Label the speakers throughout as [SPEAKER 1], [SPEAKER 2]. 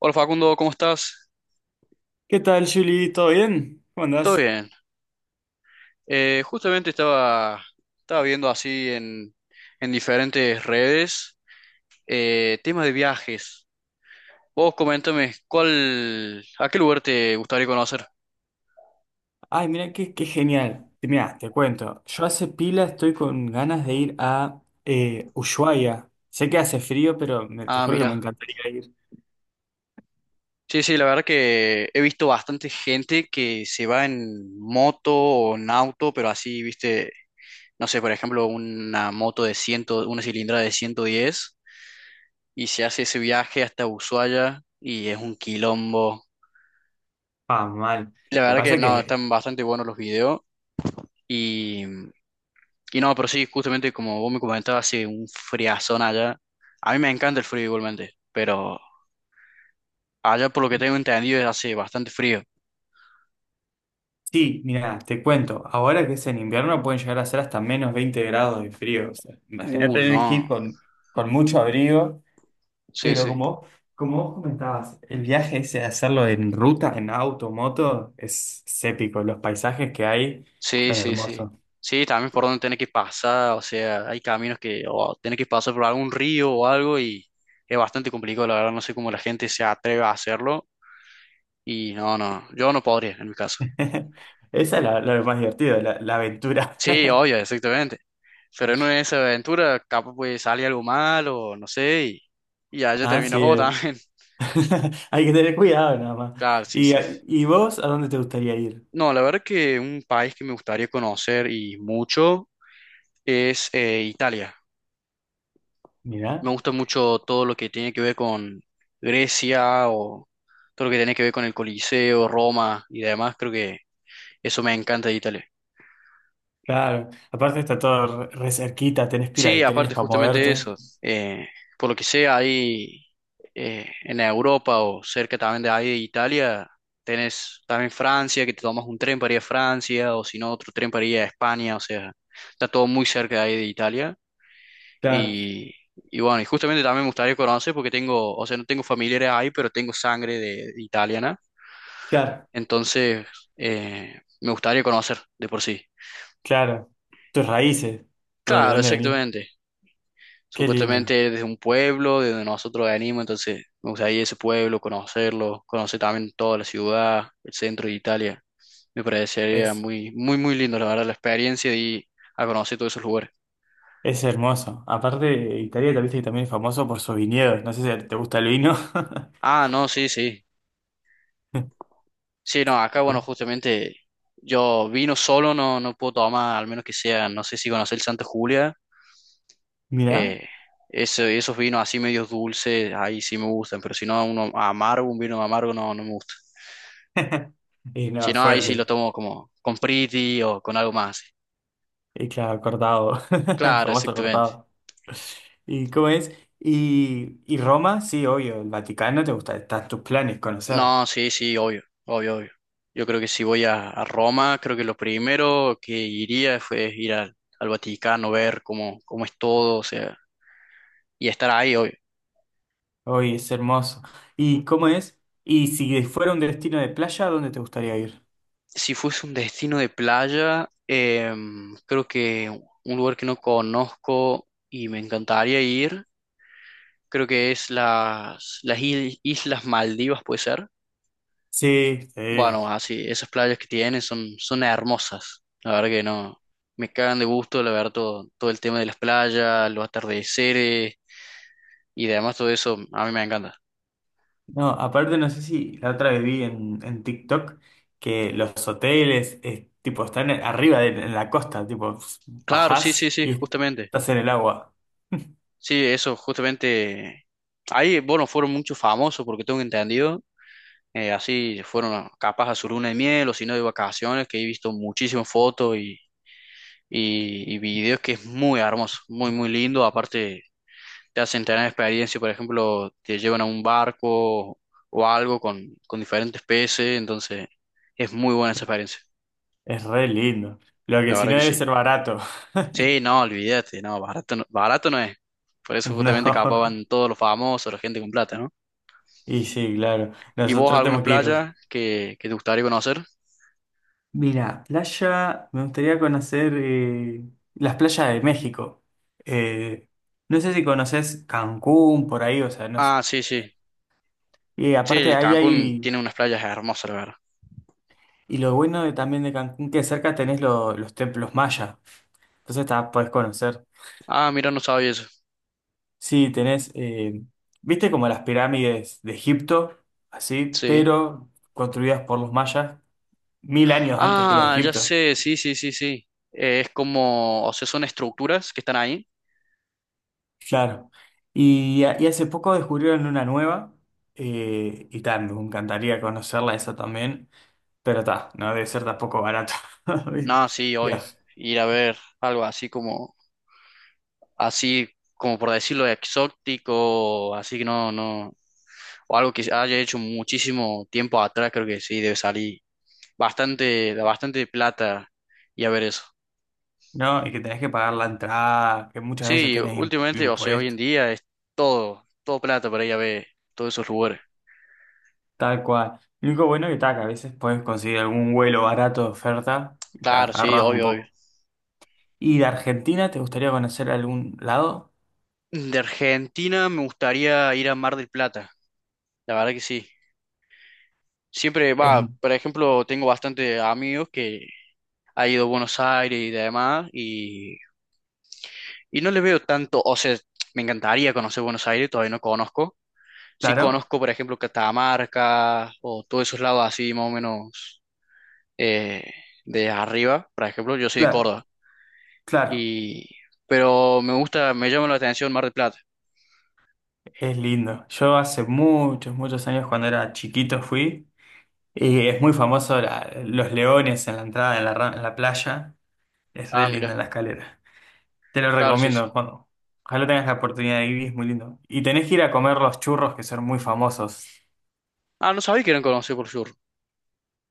[SPEAKER 1] Hola Facundo, ¿cómo estás?
[SPEAKER 2] ¿Qué tal, Julie? ¿Todo bien? ¿Cómo
[SPEAKER 1] Todo
[SPEAKER 2] andás?
[SPEAKER 1] bien. Justamente estaba viendo así en diferentes redes temas de viajes. Vos coméntame, ¿ a qué lugar te gustaría conocer?
[SPEAKER 2] Ay, mira, qué genial. Mira, te cuento. Yo hace pila estoy con ganas de ir a Ushuaia. Sé que hace frío, pero te
[SPEAKER 1] Ah,
[SPEAKER 2] juro que me
[SPEAKER 1] mira.
[SPEAKER 2] encantaría ir.
[SPEAKER 1] Sí, sí, la verdad que he visto bastante gente que se va en moto o en auto, pero así, viste, no sé, por ejemplo, una moto de 100, una cilindrada de 110 y se hace ese viaje hasta Ushuaia y es un quilombo.
[SPEAKER 2] Ah, mal.
[SPEAKER 1] La
[SPEAKER 2] Lo que
[SPEAKER 1] verdad que
[SPEAKER 2] pasa
[SPEAKER 1] no,
[SPEAKER 2] que
[SPEAKER 1] están bastante buenos los videos. Y, y no, pero sí, justamente como vos me comentabas, hace un friazón allá. A mí me encanta el frío igualmente, pero allá por lo que tengo entendido es hace bastante frío.
[SPEAKER 2] sí, mira, te cuento. Ahora que es en invierno pueden llegar a ser hasta -20 grados de frío. O sea, imagínate tener que ir
[SPEAKER 1] No.
[SPEAKER 2] con mucho abrigo.
[SPEAKER 1] Sí,
[SPEAKER 2] Pero
[SPEAKER 1] sí.
[SPEAKER 2] como, como vos comentabas, el viaje ese de hacerlo en ruta, en auto, moto, es épico. Los paisajes que hay
[SPEAKER 1] Sí,
[SPEAKER 2] son
[SPEAKER 1] sí, sí.
[SPEAKER 2] hermosos.
[SPEAKER 1] Sí, también por donde tenés que pasar, o sea, hay caminos que o tenés que pasar por algún río o algo y es bastante complicado, la verdad, no sé cómo la gente se atreve a hacerlo. Y no, no, yo no podría en mi caso.
[SPEAKER 2] Esa es la, lo más divertido, la aventura.
[SPEAKER 1] Sí, obvio, exactamente. Pero en una de esas aventuras, capaz pues sale algo mal o no sé, y ya yo
[SPEAKER 2] Ah,
[SPEAKER 1] termino
[SPEAKER 2] sí.
[SPEAKER 1] el juego también.
[SPEAKER 2] Hay que tener cuidado nada más.
[SPEAKER 1] Claro, sí,
[SPEAKER 2] ¿Y,
[SPEAKER 1] sí. Sí.
[SPEAKER 2] y vos a dónde te gustaría ir?
[SPEAKER 1] No, la verdad que un país que me gustaría conocer y mucho es Italia. Me
[SPEAKER 2] Mirá.
[SPEAKER 1] gusta mucho todo lo que tiene que ver con Grecia o todo lo que tiene que ver con el Coliseo, Roma y demás. Creo que eso me encanta de Italia.
[SPEAKER 2] Claro. Aparte está todo re, re cerquita, tenés pila
[SPEAKER 1] Sí,
[SPEAKER 2] de trenes
[SPEAKER 1] aparte
[SPEAKER 2] para
[SPEAKER 1] justamente
[SPEAKER 2] moverte.
[SPEAKER 1] eso, eh, por lo que sea ahí en Europa o cerca también de ahí de Italia, tenés también Francia, que te tomas un tren para ir a Francia o si no otro tren para ir a España, o sea, está todo muy cerca de ahí de Italia
[SPEAKER 2] Claro,
[SPEAKER 1] y, y bueno, y justamente también me gustaría conocer porque tengo, o sea, no tengo familiares ahí, pero tengo sangre de italiana,
[SPEAKER 2] claro,
[SPEAKER 1] entonces me gustaría conocer de por sí.
[SPEAKER 2] claro. Tus raíces, ¿de
[SPEAKER 1] Claro,
[SPEAKER 2] dónde venís?
[SPEAKER 1] exactamente.
[SPEAKER 2] Qué lindo.
[SPEAKER 1] Supuestamente desde un pueblo, de donde nosotros venimos, entonces me gustaría ir a ese pueblo, conocerlo, conocer también toda la ciudad, el centro de Italia. Me parecería
[SPEAKER 2] Es
[SPEAKER 1] muy, muy, muy lindo, la verdad, la experiencia de ir a conocer todos esos lugares.
[SPEAKER 2] Es hermoso. Aparte, Italia tal vez que también es famoso por sus viñedos. No sé si te gusta el vino.
[SPEAKER 1] Ah, no, sí, sí. Sí, no, acá, bueno, justamente yo vino solo, no, no puedo tomar, al menos que sea, no sé si conoces el Santa Julia.
[SPEAKER 2] Mirá.
[SPEAKER 1] Eh, esos vinos así medios dulces, ahí sí me gustan, pero si no, uno amargo, un vino amargo no, no me gusta.
[SPEAKER 2] Y
[SPEAKER 1] Si
[SPEAKER 2] no,
[SPEAKER 1] no, ahí sí lo
[SPEAKER 2] fuerte.
[SPEAKER 1] tomo como con Priti o con algo más.
[SPEAKER 2] Y claro, cortado. El
[SPEAKER 1] Claro,
[SPEAKER 2] famoso
[SPEAKER 1] exactamente.
[SPEAKER 2] cortado. ¿Y cómo es? Y Roma, sí, obvio. El Vaticano te gusta. Están tus planes conocer.
[SPEAKER 1] No, sí, sí, obvio, obvio, obvio. Yo creo que si voy a Roma, creo que lo primero que iría fue ir al Vaticano, ver cómo es todo, o sea, y estar ahí hoy.
[SPEAKER 2] Hoy es hermoso. ¿Y cómo es? Y si fuera un destino de playa, ¿a dónde te gustaría ir?
[SPEAKER 1] Si fuese un destino de playa, creo que un lugar que no conozco y me encantaría ir, creo que es las, Islas Maldivas, puede ser.
[SPEAKER 2] Sí, sí.
[SPEAKER 1] Bueno, así, esas playas que tienen son hermosas. La verdad que no, me cagan de gusto, la verdad, todo el tema de las playas, los atardeceres y demás, todo eso, a mí me encanta.
[SPEAKER 2] No, aparte no sé si la otra vez vi en TikTok que los hoteles tipo están arriba de, en la costa, tipo
[SPEAKER 1] Claro, sí, sí,
[SPEAKER 2] bajás
[SPEAKER 1] sí,
[SPEAKER 2] y
[SPEAKER 1] justamente.
[SPEAKER 2] estás en el agua.
[SPEAKER 1] Sí, eso, justamente. Ahí, bueno, fueron muchos famosos, porque tengo entendido, así fueron capaz a su luna de miel o si no de vacaciones, que he visto muchísimas fotos y videos que es muy hermoso, muy, muy lindo. Aparte, te hacen tener experiencia, por ejemplo, te llevan a un barco o algo con diferentes peces, entonces es muy buena esa experiencia,
[SPEAKER 2] Es re lindo. Lo que
[SPEAKER 1] la
[SPEAKER 2] si
[SPEAKER 1] verdad
[SPEAKER 2] no
[SPEAKER 1] que
[SPEAKER 2] debe
[SPEAKER 1] sí.
[SPEAKER 2] ser barato.
[SPEAKER 1] Sí, no, olvídate, no, barato no, barato no es. Por eso justamente capaz
[SPEAKER 2] No.
[SPEAKER 1] van todos los famosos, la gente con plata, ¿no?
[SPEAKER 2] Y sí, claro.
[SPEAKER 1] ¿Y vos
[SPEAKER 2] Nosotros
[SPEAKER 1] algunas
[SPEAKER 2] tenemos que ir.
[SPEAKER 1] playas que te gustaría conocer?
[SPEAKER 2] Mira, playa, me gustaría conocer las playas de México. Eh, no sé si conoces Cancún por ahí, o sea, no sé.
[SPEAKER 1] Ah, sí, sí.
[SPEAKER 2] Y aparte
[SPEAKER 1] Sí,
[SPEAKER 2] ahí
[SPEAKER 1] Cancún
[SPEAKER 2] hay.
[SPEAKER 1] tiene unas playas hermosas, la verdad.
[SPEAKER 2] Y lo bueno de, también de Cancún, que cerca tenés los templos mayas. Entonces tá, podés conocer.
[SPEAKER 1] Ah, mira, no sabía eso.
[SPEAKER 2] Sí, tenés, viste como las pirámides de Egipto, así,
[SPEAKER 1] Sí.
[SPEAKER 2] pero construidas por los mayas 1000 años antes que los
[SPEAKER 1] Ah, ya
[SPEAKER 2] egipcios.
[SPEAKER 1] sé, sí, sí, sí, sí. Es como, o sea, son estructuras que están ahí.
[SPEAKER 2] Claro. Y, y hace poco descubrieron una nueva, y tal, me encantaría conocerla esa también, pero está, no debe ser tampoco barato.
[SPEAKER 1] No, sí, hoy
[SPEAKER 2] Dios,
[SPEAKER 1] ir a ver algo así como por decirlo, exótico, así que no, no, o algo que se haya hecho muchísimo tiempo atrás, creo que sí, debe salir bastante, bastante plata y a ver eso.
[SPEAKER 2] ¿no? Y que tenés que pagar la entrada, que muchas veces
[SPEAKER 1] Sí,
[SPEAKER 2] tenés
[SPEAKER 1] últimamente, o sea, hoy en
[SPEAKER 2] impuestos.
[SPEAKER 1] día es todo plata para ir a ver todos esos lugares.
[SPEAKER 2] Tal cual. Lo único bueno que tal, que a veces puedes conseguir algún vuelo barato de oferta,
[SPEAKER 1] Claro, sí,
[SPEAKER 2] agarras un
[SPEAKER 1] obvio, obvio.
[SPEAKER 2] poco. ¿Y de Argentina te gustaría conocer algún lado?
[SPEAKER 1] De Argentina me gustaría ir a Mar del Plata, la verdad que sí. Siempre
[SPEAKER 2] Es
[SPEAKER 1] va, por ejemplo, tengo bastante amigos que han ido a Buenos Aires y demás, y no les veo tanto, o sea, me encantaría conocer Buenos Aires, todavía no conozco. Sí
[SPEAKER 2] claro,
[SPEAKER 1] conozco, por ejemplo, Catamarca o todos esos lados así, más o menos eh, de arriba, por ejemplo, yo soy de
[SPEAKER 2] claro,
[SPEAKER 1] Córdoba,
[SPEAKER 2] claro.
[SPEAKER 1] y, pero me gusta, me llama la atención Mar del Plata.
[SPEAKER 2] Es lindo. Yo hace muchos, muchos años cuando era chiquito fui y es muy famoso los leones en la entrada, en la, en la playa. Es re
[SPEAKER 1] Ah,
[SPEAKER 2] linda
[SPEAKER 1] mira,
[SPEAKER 2] la escalera. Te lo
[SPEAKER 1] claro, sí,
[SPEAKER 2] recomiendo
[SPEAKER 1] sí.
[SPEAKER 2] cuando. Ojalá tengas la oportunidad de ir, es muy lindo. Y tenés que ir a comer los churros que son muy famosos.
[SPEAKER 1] Ah, no sabía que eran conocidos por sur.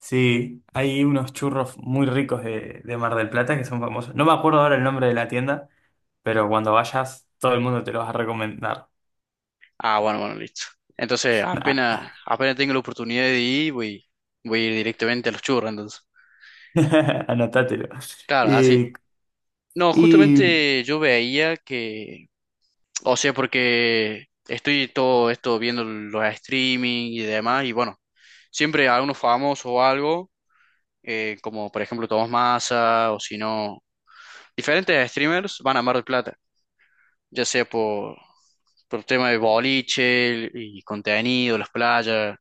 [SPEAKER 2] Sí, hay unos churros muy ricos de Mar del Plata que son famosos. No me acuerdo ahora el nombre de la tienda, pero cuando vayas, todo el mundo te lo va a recomendar.
[SPEAKER 1] Ah, bueno, bueno, listo. Entonces, apenas,
[SPEAKER 2] Ah,
[SPEAKER 1] apenas tengo la oportunidad de ir, voy a ir directamente a los churros, entonces.
[SPEAKER 2] anotátelo.
[SPEAKER 1] Claro, así.
[SPEAKER 2] Eh,
[SPEAKER 1] No,
[SPEAKER 2] y
[SPEAKER 1] justamente yo veía que, o sea, porque estoy todo esto viendo los streaming y demás, y bueno, siempre algunos famosos o algo, como por ejemplo Tomás Massa, o si no, diferentes streamers van a Mar del Plata. Ya sea por tema de boliche y contenido, las playas,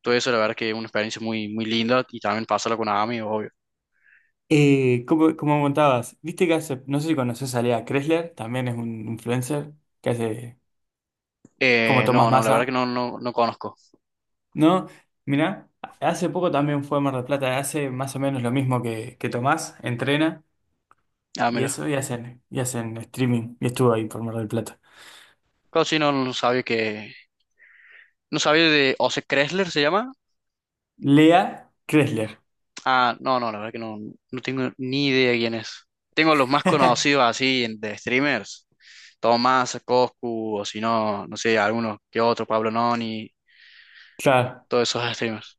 [SPEAKER 1] todo eso, la verdad que es una experiencia muy, muy linda y también pasarla con amigos, obvio.
[SPEAKER 2] como, como contabas, viste que hace, no sé si conoces a Lea Kressler, también es un influencer que hace como Tomás
[SPEAKER 1] No, no, la verdad que
[SPEAKER 2] Massa,
[SPEAKER 1] no, no, no conozco.
[SPEAKER 2] ¿no? Mirá, hace poco también fue a Mar del Plata, hace más o menos lo mismo que Tomás, entrena.
[SPEAKER 1] Ah,
[SPEAKER 2] Y
[SPEAKER 1] mira,
[SPEAKER 2] eso, y hacen streaming. Y estuvo ahí por Mar del Plata.
[SPEAKER 1] casi no sabía que, no sabía de Ose Kressler, ¿se llama?
[SPEAKER 2] Lea Kressler.
[SPEAKER 1] Ah, no, no, la verdad que no, no tengo ni idea de quién es. Tengo los más conocidos así de streamers, Tomás, Coscu, o si no, no sé, algunos que otro, Pablo Noni,
[SPEAKER 2] Claro.
[SPEAKER 1] todos esos streamers.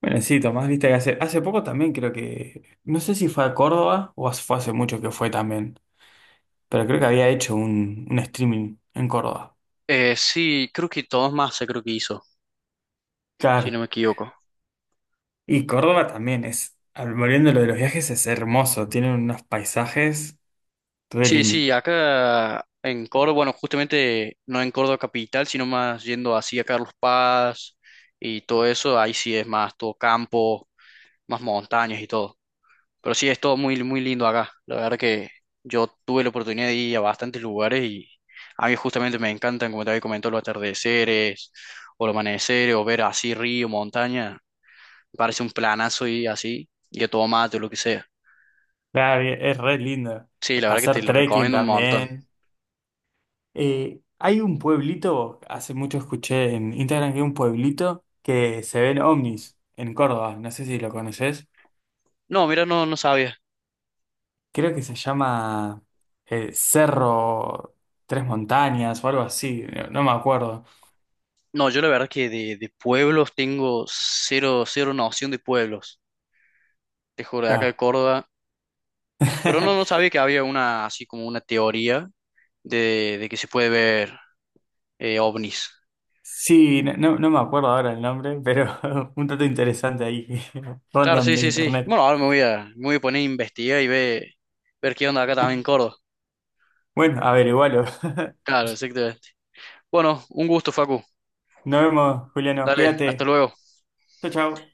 [SPEAKER 2] Bueno, sí, Tomás, viste que hace, hace poco también creo que, no sé si fue a Córdoba o fue hace mucho que fue también, pero creo que había hecho un streaming en Córdoba.
[SPEAKER 1] Sí, creo que todos más creo que hizo, si no
[SPEAKER 2] Claro.
[SPEAKER 1] me equivoco.
[SPEAKER 2] Y Córdoba también es, volviendo a lo de los viajes, es hermoso. Tienen unos paisajes re
[SPEAKER 1] Sí,
[SPEAKER 2] lindos.
[SPEAKER 1] sí, acá en Córdoba, bueno, justamente no en Córdoba capital, sino más yendo así a Carlos Paz y todo eso, ahí sí es más todo campo, más montañas y todo. Pero sí es todo muy, muy lindo acá. La verdad que yo tuve la oportunidad de ir a bastantes lugares y a mí justamente me encantan, como te había comentado, los atardeceres o los amaneceres o ver así río, montaña. Me parece un planazo y así, y a todo mate o lo que sea.
[SPEAKER 2] Claro, y es re lindo.
[SPEAKER 1] Sí, la verdad que te
[SPEAKER 2] Pasar
[SPEAKER 1] lo
[SPEAKER 2] trekking
[SPEAKER 1] recomiendo un montón.
[SPEAKER 2] también. Hay un pueblito, hace mucho escuché en Instagram que hay un pueblito que se ven ovnis en Córdoba, no sé si lo conoces,
[SPEAKER 1] No, mira, no, no sabía.
[SPEAKER 2] creo que se llama Cerro Tres Montañas o algo así, no, no me acuerdo.
[SPEAKER 1] No, yo la verdad que de pueblos tengo cero, cero noción de pueblos. Te juro, de acá de
[SPEAKER 2] Claro.
[SPEAKER 1] Córdoba. Pero no, no sabía que había una, así como una teoría de que se puede ver ovnis.
[SPEAKER 2] Sí, no, no me acuerdo ahora el nombre, pero un dato interesante ahí,
[SPEAKER 1] Claro,
[SPEAKER 2] random
[SPEAKER 1] sí,
[SPEAKER 2] de
[SPEAKER 1] sí, sí.
[SPEAKER 2] internet.
[SPEAKER 1] Bueno, ahora me voy a poner a investigar y ve ver qué onda acá también en Córdoba.
[SPEAKER 2] Bueno, averigualo.
[SPEAKER 1] Claro, exactamente. Bueno, un gusto, Facu.
[SPEAKER 2] Nos vemos, Juliano,
[SPEAKER 1] Dale, hasta
[SPEAKER 2] cuídate.
[SPEAKER 1] luego.
[SPEAKER 2] Chau, chau.